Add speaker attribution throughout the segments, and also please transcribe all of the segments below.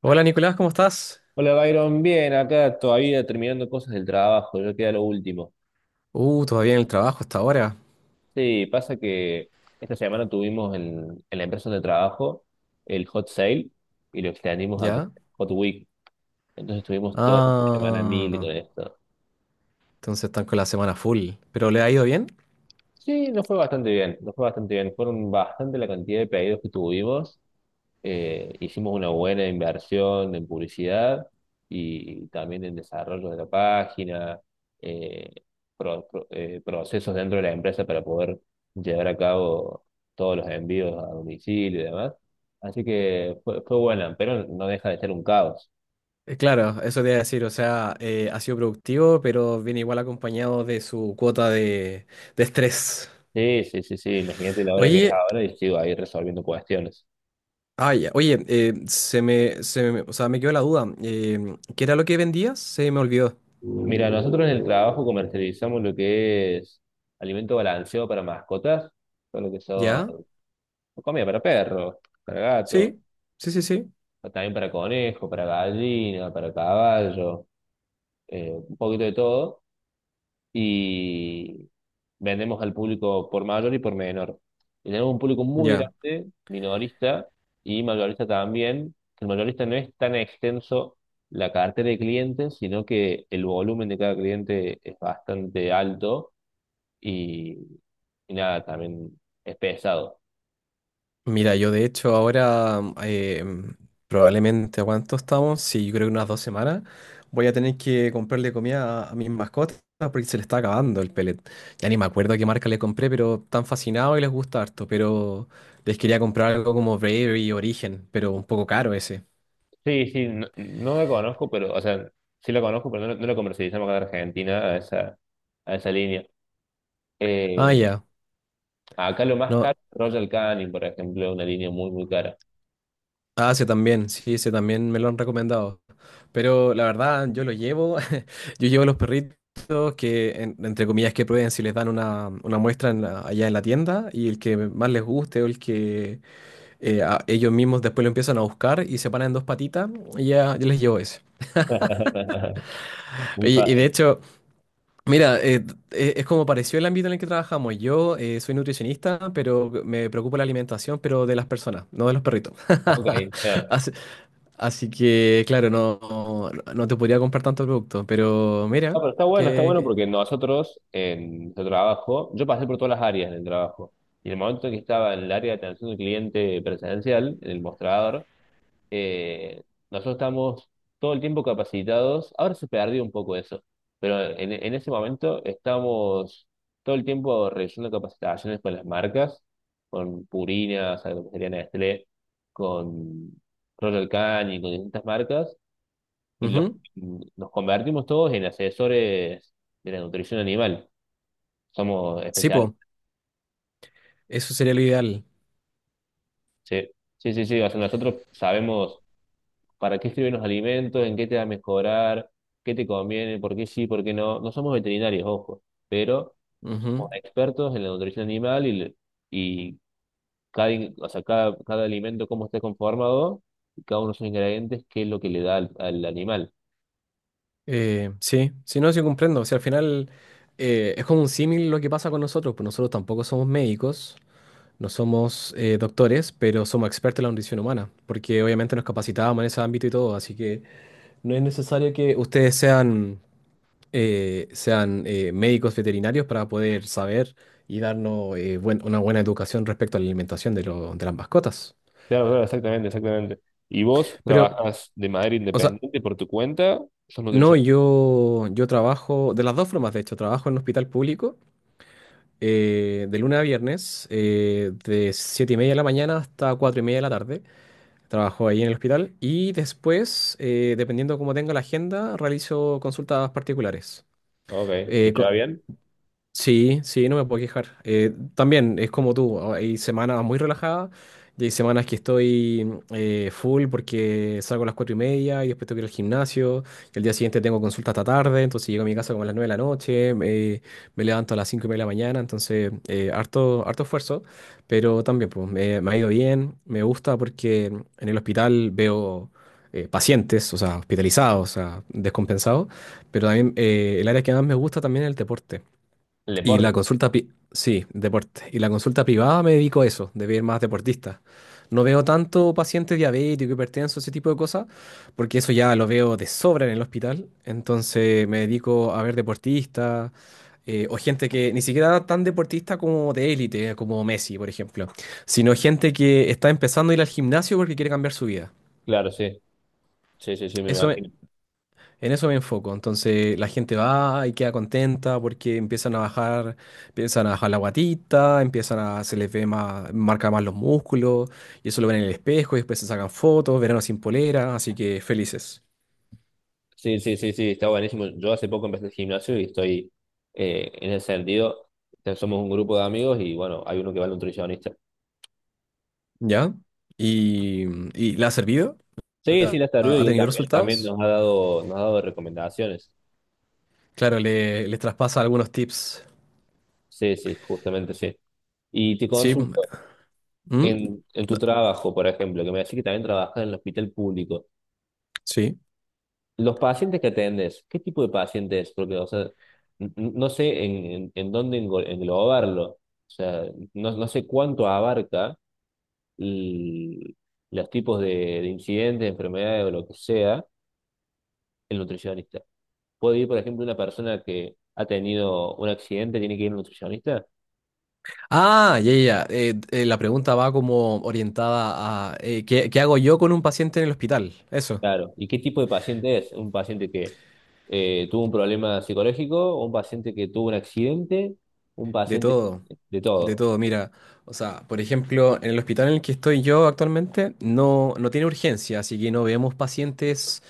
Speaker 1: Hola Nicolás, ¿cómo estás?
Speaker 2: Hola Byron, bien, acá todavía terminando cosas del trabajo, yo queda lo último.
Speaker 1: Todavía en el trabajo hasta ahora.
Speaker 2: Sí, pasa que esta semana tuvimos en la empresa donde trabajo el Hot Sale y lo extendimos a
Speaker 1: ¿Ya?
Speaker 2: Hot Week. Entonces estuvimos toda la semana mil
Speaker 1: Ah,
Speaker 2: con esto.
Speaker 1: entonces están con la semana full. ¿Pero le ha ido bien?
Speaker 2: Sí, nos fue bastante bien, nos fue bastante bien. Fueron bastante la cantidad de pedidos que tuvimos, hicimos una buena inversión en publicidad y también en desarrollo de la página, eh, procesos dentro de la empresa para poder llevar a cabo todos los envíos a domicilio y demás. Así que fue buena, pero no deja de ser un caos.
Speaker 1: Claro, eso te iba a decir, o sea, ha sido productivo, pero viene igual acompañado de su cuota de estrés.
Speaker 2: Sí, sí, sí, sí, imagínate la hora que es
Speaker 1: Oye,
Speaker 2: ahora y sigo ahí resolviendo cuestiones.
Speaker 1: ay, o sea, me quedó la duda. ¿Qué era lo que vendías? Se me olvidó.
Speaker 2: Mira, nosotros en el trabajo comercializamos lo que es alimento balanceado para mascotas, todo lo que son
Speaker 1: ¿Ya?
Speaker 2: comida para perro, para gato,
Speaker 1: Sí, sí, sí, sí.
Speaker 2: también para conejo, para gallina, para caballo, un poquito de todo. Y vendemos al público por mayor y por menor. Y tenemos un público muy
Speaker 1: Ya.
Speaker 2: grande, minorista y mayorista también. El mayorista no es tan extenso la cartera de clientes, sino que el volumen de cada cliente es bastante alto y, y nada, también es pesado.
Speaker 1: Mira, yo de hecho ahora probablemente, ¿cuánto estamos? Sí, yo creo que unas 2 semanas. Voy a tener que comprarle comida a mis mascotas porque se le está acabando el pellet. Ya ni me acuerdo qué marca le compré, pero están fascinados y les gusta harto. Pero les quería comprar algo como Bravery Origen, pero un poco caro ese.
Speaker 2: Sí, sí, no, no la conozco, pero, o sea, sí la conozco, pero no, no la comercializamos acá en Argentina a a esa línea.
Speaker 1: Ah,
Speaker 2: Eh,
Speaker 1: ya.
Speaker 2: Acá lo más
Speaker 1: No.
Speaker 2: caro, Royal Canin, por ejemplo, una línea muy, muy cara.
Speaker 1: Ah, sí, también, sí, sí, también me lo han recomendado. Pero la verdad, yo lo llevo, yo llevo los perritos que, entre comillas, que prueben si les dan una muestra en allá en la tienda y el que más les guste o el que ellos mismos después lo empiezan a buscar y se paran en dos patitas, y ya, yo les llevo ese.
Speaker 2: Muy
Speaker 1: Oye, y de
Speaker 2: fácil.
Speaker 1: hecho, mira, es como pareció el ámbito en el que trabajamos. Yo soy nutricionista, pero me preocupa la alimentación, pero de las personas, no de los perritos.
Speaker 2: Ok, ya.
Speaker 1: Así, Así que, claro, no, no, no te podría comprar tanto producto, pero mira,
Speaker 2: Ah, pero está
Speaker 1: que...
Speaker 2: bueno
Speaker 1: que-
Speaker 2: porque nosotros en nuestro trabajo, yo pasé por todas las áreas del trabajo. Y en el momento que estaba en el área de atención al cliente presencial, en el mostrador, eh, nosotros estamos todo el tiempo capacitados. Ahora se perdió un poco eso, pero en ese momento estamos todo el tiempo realizando capacitaciones con las marcas, con Purina, con lo que sería Nestlé, con Royal Canin, con distintas marcas, y los,
Speaker 1: ujú.
Speaker 2: nos convertimos todos en asesores de la nutrición animal. Somos
Speaker 1: Sí, po,
Speaker 2: especialistas.
Speaker 1: eso sería lo ideal.
Speaker 2: Sí, sí, sí, sí. O sea, nosotros sabemos para qué sirven los alimentos, en qué te va a mejorar, qué te conviene, por qué sí, por qué no. No somos veterinarios, ojo, pero
Speaker 1: Ujú.
Speaker 2: somos expertos en la nutrición animal y cada, in- o sea, cada, cada alimento, cómo está conformado, y cada uno de sus ingredientes, qué es lo que le da al animal.
Speaker 1: Sí sí, no, sí comprendo. O sea, al final es como un símil lo que pasa con nosotros, pues nosotros tampoco somos médicos, no somos doctores, pero somos expertos en la nutrición humana, porque obviamente nos capacitábamos en ese ámbito y todo, así que no es necesario que ustedes sean... sean médicos veterinarios para poder saber y darnos una buena educación respecto a la alimentación de las mascotas.
Speaker 2: Claro, claro, exactamente, exactamente. ¿Y vos
Speaker 1: Pero,
Speaker 2: trabajas de manera
Speaker 1: o sea,
Speaker 2: independiente por tu cuenta? ¿Sos
Speaker 1: no,
Speaker 2: nutricionista?
Speaker 1: yo trabajo, de las dos formas, de hecho, trabajo en un hospital público de lunes a viernes, de 7:30 de la mañana hasta 4:30 de la tarde. Trabajo ahí en el hospital y después, dependiendo cómo tenga la agenda, realizo consultas particulares.
Speaker 2: Ok, ¿y te va bien?
Speaker 1: Sí, sí, no me puedo quejar. También es como tú, hay semanas muy relajadas y hay semanas que estoy full porque salgo a las 4:30 y después tengo que ir al gimnasio y el día siguiente tengo consulta hasta tarde, entonces llego a mi casa como a las 9 de la noche, me levanto a las 5:30 de la mañana, entonces harto, harto esfuerzo, pero también pues me ha ido bien, me gusta porque en el hospital veo pacientes, o sea, hospitalizados, o sea, descompensados, pero también el área que más me gusta también es el deporte.
Speaker 2: El
Speaker 1: Y
Speaker 2: deporte.
Speaker 1: la consulta, sí, deporte. Y la consulta privada me dedico a eso, de ver más deportistas. No veo tanto pacientes diabéticos, hipertensos, ese tipo de cosas, porque eso ya lo veo de sobra en el hospital. Entonces me dedico a ver deportistas o gente que ni siquiera tan deportista como de élite, como Messi, por ejemplo, sino gente que está empezando a ir al gimnasio porque quiere cambiar su vida.
Speaker 2: Claro, sí. Sí, sí, sí, me
Speaker 1: Eso,
Speaker 2: imagino.
Speaker 1: en eso me enfoco. Entonces la gente va y queda contenta porque empiezan a bajar la guatita, se les ve más, marca más los músculos, y eso lo ven en el espejo, y después se sacan fotos, verano sin polera, así que felices.
Speaker 2: Sí, sí, sí, sí, está buenísimo. Yo hace poco empecé el gimnasio y en ese sentido, ya somos un grupo de amigos y bueno, hay uno que va al nutricionista.
Speaker 1: ¿Ya? ¿Y, y la ha servido?
Speaker 2: Sí, sí,
Speaker 1: ¿Ha,
Speaker 2: la está arriba
Speaker 1: ha
Speaker 2: y
Speaker 1: tenido
Speaker 2: él también
Speaker 1: resultados?
Speaker 2: nos ha dado recomendaciones.
Speaker 1: Claro, les traspasa algunos tips.
Speaker 2: Sí, sí, justamente sí. Y te
Speaker 1: Sí.
Speaker 2: consulto,
Speaker 1: ¿Mm?
Speaker 2: en tu trabajo, por ejemplo, que me decís que también trabajas en el hospital público,
Speaker 1: Sí.
Speaker 2: los pacientes que atendes, ¿qué tipo de pacientes? Porque, o sea, no sé en dónde englobarlo. O sea, no, no sé cuánto abarca l- los tipos de incidentes, enfermedades o lo que sea, el nutricionista. ¿Puede ir, por ejemplo, una persona que ha tenido un accidente, tiene que ir a un nutricionista?
Speaker 1: Ah, ya, ya. Ya. La pregunta va como orientada a ¿qué hago yo con un paciente en el hospital? Eso,
Speaker 2: Claro. ¿Y qué tipo de paciente es? ¿Un paciente que tuvo un problema psicológico? ¿Un paciente que tuvo un accidente? ¿Un
Speaker 1: de
Speaker 2: paciente
Speaker 1: todo,
Speaker 2: que- de
Speaker 1: de
Speaker 2: todo?
Speaker 1: todo. Mira, o sea, por ejemplo, en el hospital en el que estoy yo actualmente no tiene urgencia, así que no vemos pacientes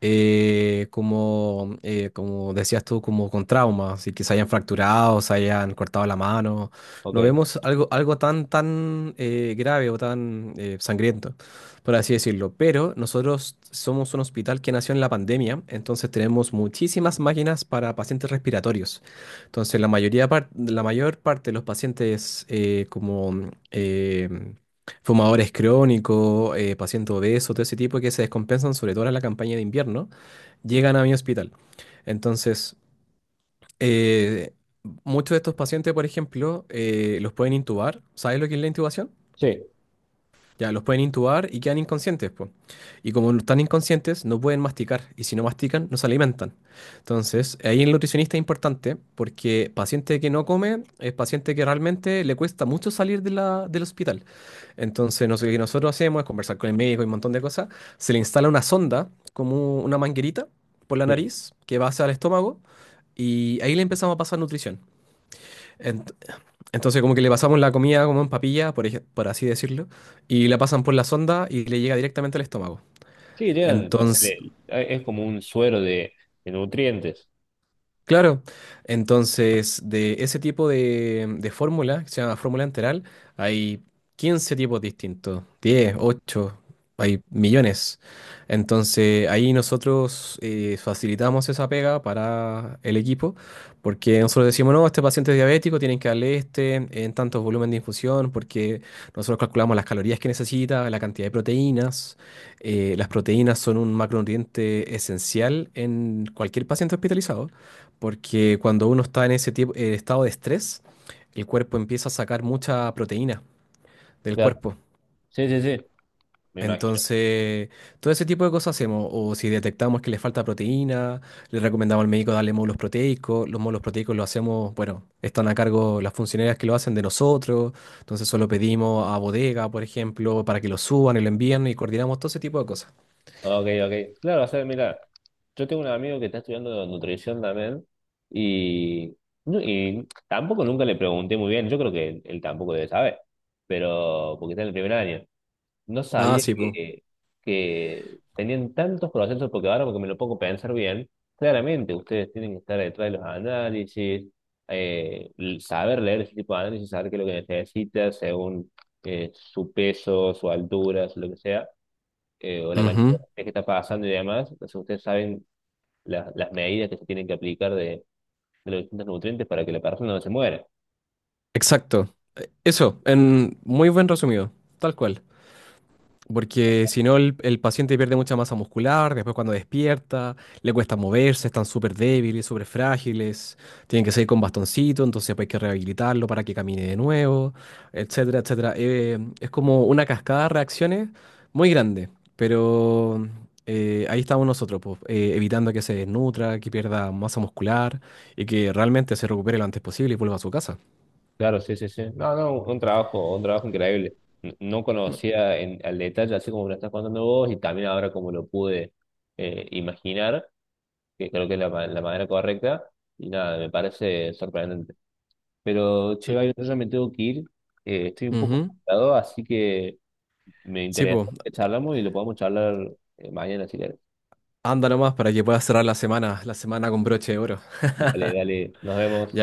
Speaker 1: como, como decías tú, como con traumas, y que se hayan fracturado, se hayan cortado la mano.
Speaker 2: Ok.
Speaker 1: No vemos algo tan, tan grave o tan sangriento, por así decirlo. Pero nosotros somos un hospital que nació en la pandemia, entonces tenemos muchísimas máquinas para pacientes respiratorios. Entonces, la mayor parte de los pacientes como... em, fumadores crónicos, pacientes obesos, todo ese tipo que se descompensan, sobre todo en la campaña de invierno, llegan a mi hospital. Entonces, eh, muchos de estos pacientes, por ejemplo, los pueden intubar. ¿Sabes lo que es la intubación?
Speaker 2: Sí,
Speaker 1: Ya, los pueden intubar y quedan inconscientes, po. Y como no están inconscientes, no pueden masticar. Y si no mastican, no se alimentan. Entonces, ahí el nutricionista es importante porque paciente que no come es paciente que realmente le cuesta mucho salir del hospital. Entonces, no sé, lo que nosotros hacemos es conversar con el médico y un montón de cosas. Se le instala una sonda, como una manguerita, por la
Speaker 2: sí.
Speaker 1: nariz, que va hacia el estómago. Y ahí le empezamos a pasar nutrición. Entonces como que le pasamos la comida como en papilla, por así decirlo, y la pasan por la sonda y le llega directamente al estómago.
Speaker 2: Sí, llegan, o sea,
Speaker 1: Entonces,
Speaker 2: le- es como un suero de nutrientes.
Speaker 1: Claro, entonces de ese tipo de fórmula, que se llama fórmula enteral, hay 15 tipos distintos, 10, 8, hay millones. Entonces ahí nosotros facilitamos esa pega para el equipo, porque nosotros decimos, no, este paciente es diabético, tienen que darle este en tantos volumen de infusión, porque nosotros calculamos las calorías que necesita, la cantidad de proteínas. Las proteínas son un macronutriente esencial en cualquier paciente hospitalizado. Porque cuando uno está en ese tipo, estado de estrés, el cuerpo empieza a sacar mucha proteína del
Speaker 2: Claro.
Speaker 1: cuerpo.
Speaker 2: Sí, sí, sí, me imagino.
Speaker 1: Entonces, todo ese tipo de cosas hacemos. O si detectamos que le falta proteína, le recomendamos al médico darle módulos proteicos. Los módulos proteicos lo hacemos, bueno, están a cargo las funcionarias que lo hacen de nosotros. Entonces, solo pedimos a bodega, por ejemplo, para que lo suban y lo envíen y coordinamos todo ese tipo de cosas.
Speaker 2: Ok, ok. Claro, o sea, mira, yo tengo un amigo que está estudiando nutrición también y, no- y tampoco nunca le pregunté muy bien, yo creo que él tampoco debe saber, pero porque está en el primer año. No
Speaker 1: Ah,
Speaker 2: sabía
Speaker 1: sí, pues.
Speaker 2: que tenían tantos procesos, porque ahora porque me lo pongo a pensar bien, claramente ustedes tienen que estar detrás de los análisis, saber leer ese tipo de análisis, saber qué es lo que necesitas según su peso, su altura, su lo que sea, o la cantidad de que está pasando y demás, entonces ustedes saben las medidas que se tienen que aplicar de los distintos nutrientes para que la persona no se muera.
Speaker 1: Exacto. Eso, en muy buen resumido. Tal cual. Porque si no, el paciente pierde mucha masa muscular, después cuando despierta, le cuesta moverse, están súper débiles, súper frágiles, tienen que seguir con bastoncito, entonces pues, hay que rehabilitarlo para que camine de nuevo, etcétera, etcétera. Es como una cascada de reacciones muy grande, pero ahí estamos nosotros, pues, evitando que se desnutra, que pierda masa muscular y que realmente se recupere lo antes posible y vuelva a su casa.
Speaker 2: Claro, sí, sí, sí. No, no, un trabajo increíble. No
Speaker 1: Mm.
Speaker 2: conocía al detalle, así como me lo estás contando vos, y también ahora como lo pude imaginar, que creo que es la manera correcta, y nada, me parece sorprendente. Pero, che,
Speaker 1: L-
Speaker 2: Byron, yo ya me tengo que ir, estoy un poco
Speaker 1: Ujú.
Speaker 2: ocupado, así que me
Speaker 1: Sí,
Speaker 2: interesa
Speaker 1: pues,
Speaker 2: que charlamos y lo podemos charlar mañana si querés.
Speaker 1: anda nomás para que puedas cerrar la semana, con broche de oro.
Speaker 2: Dale, dale, nos vemos.
Speaker 1: Ya.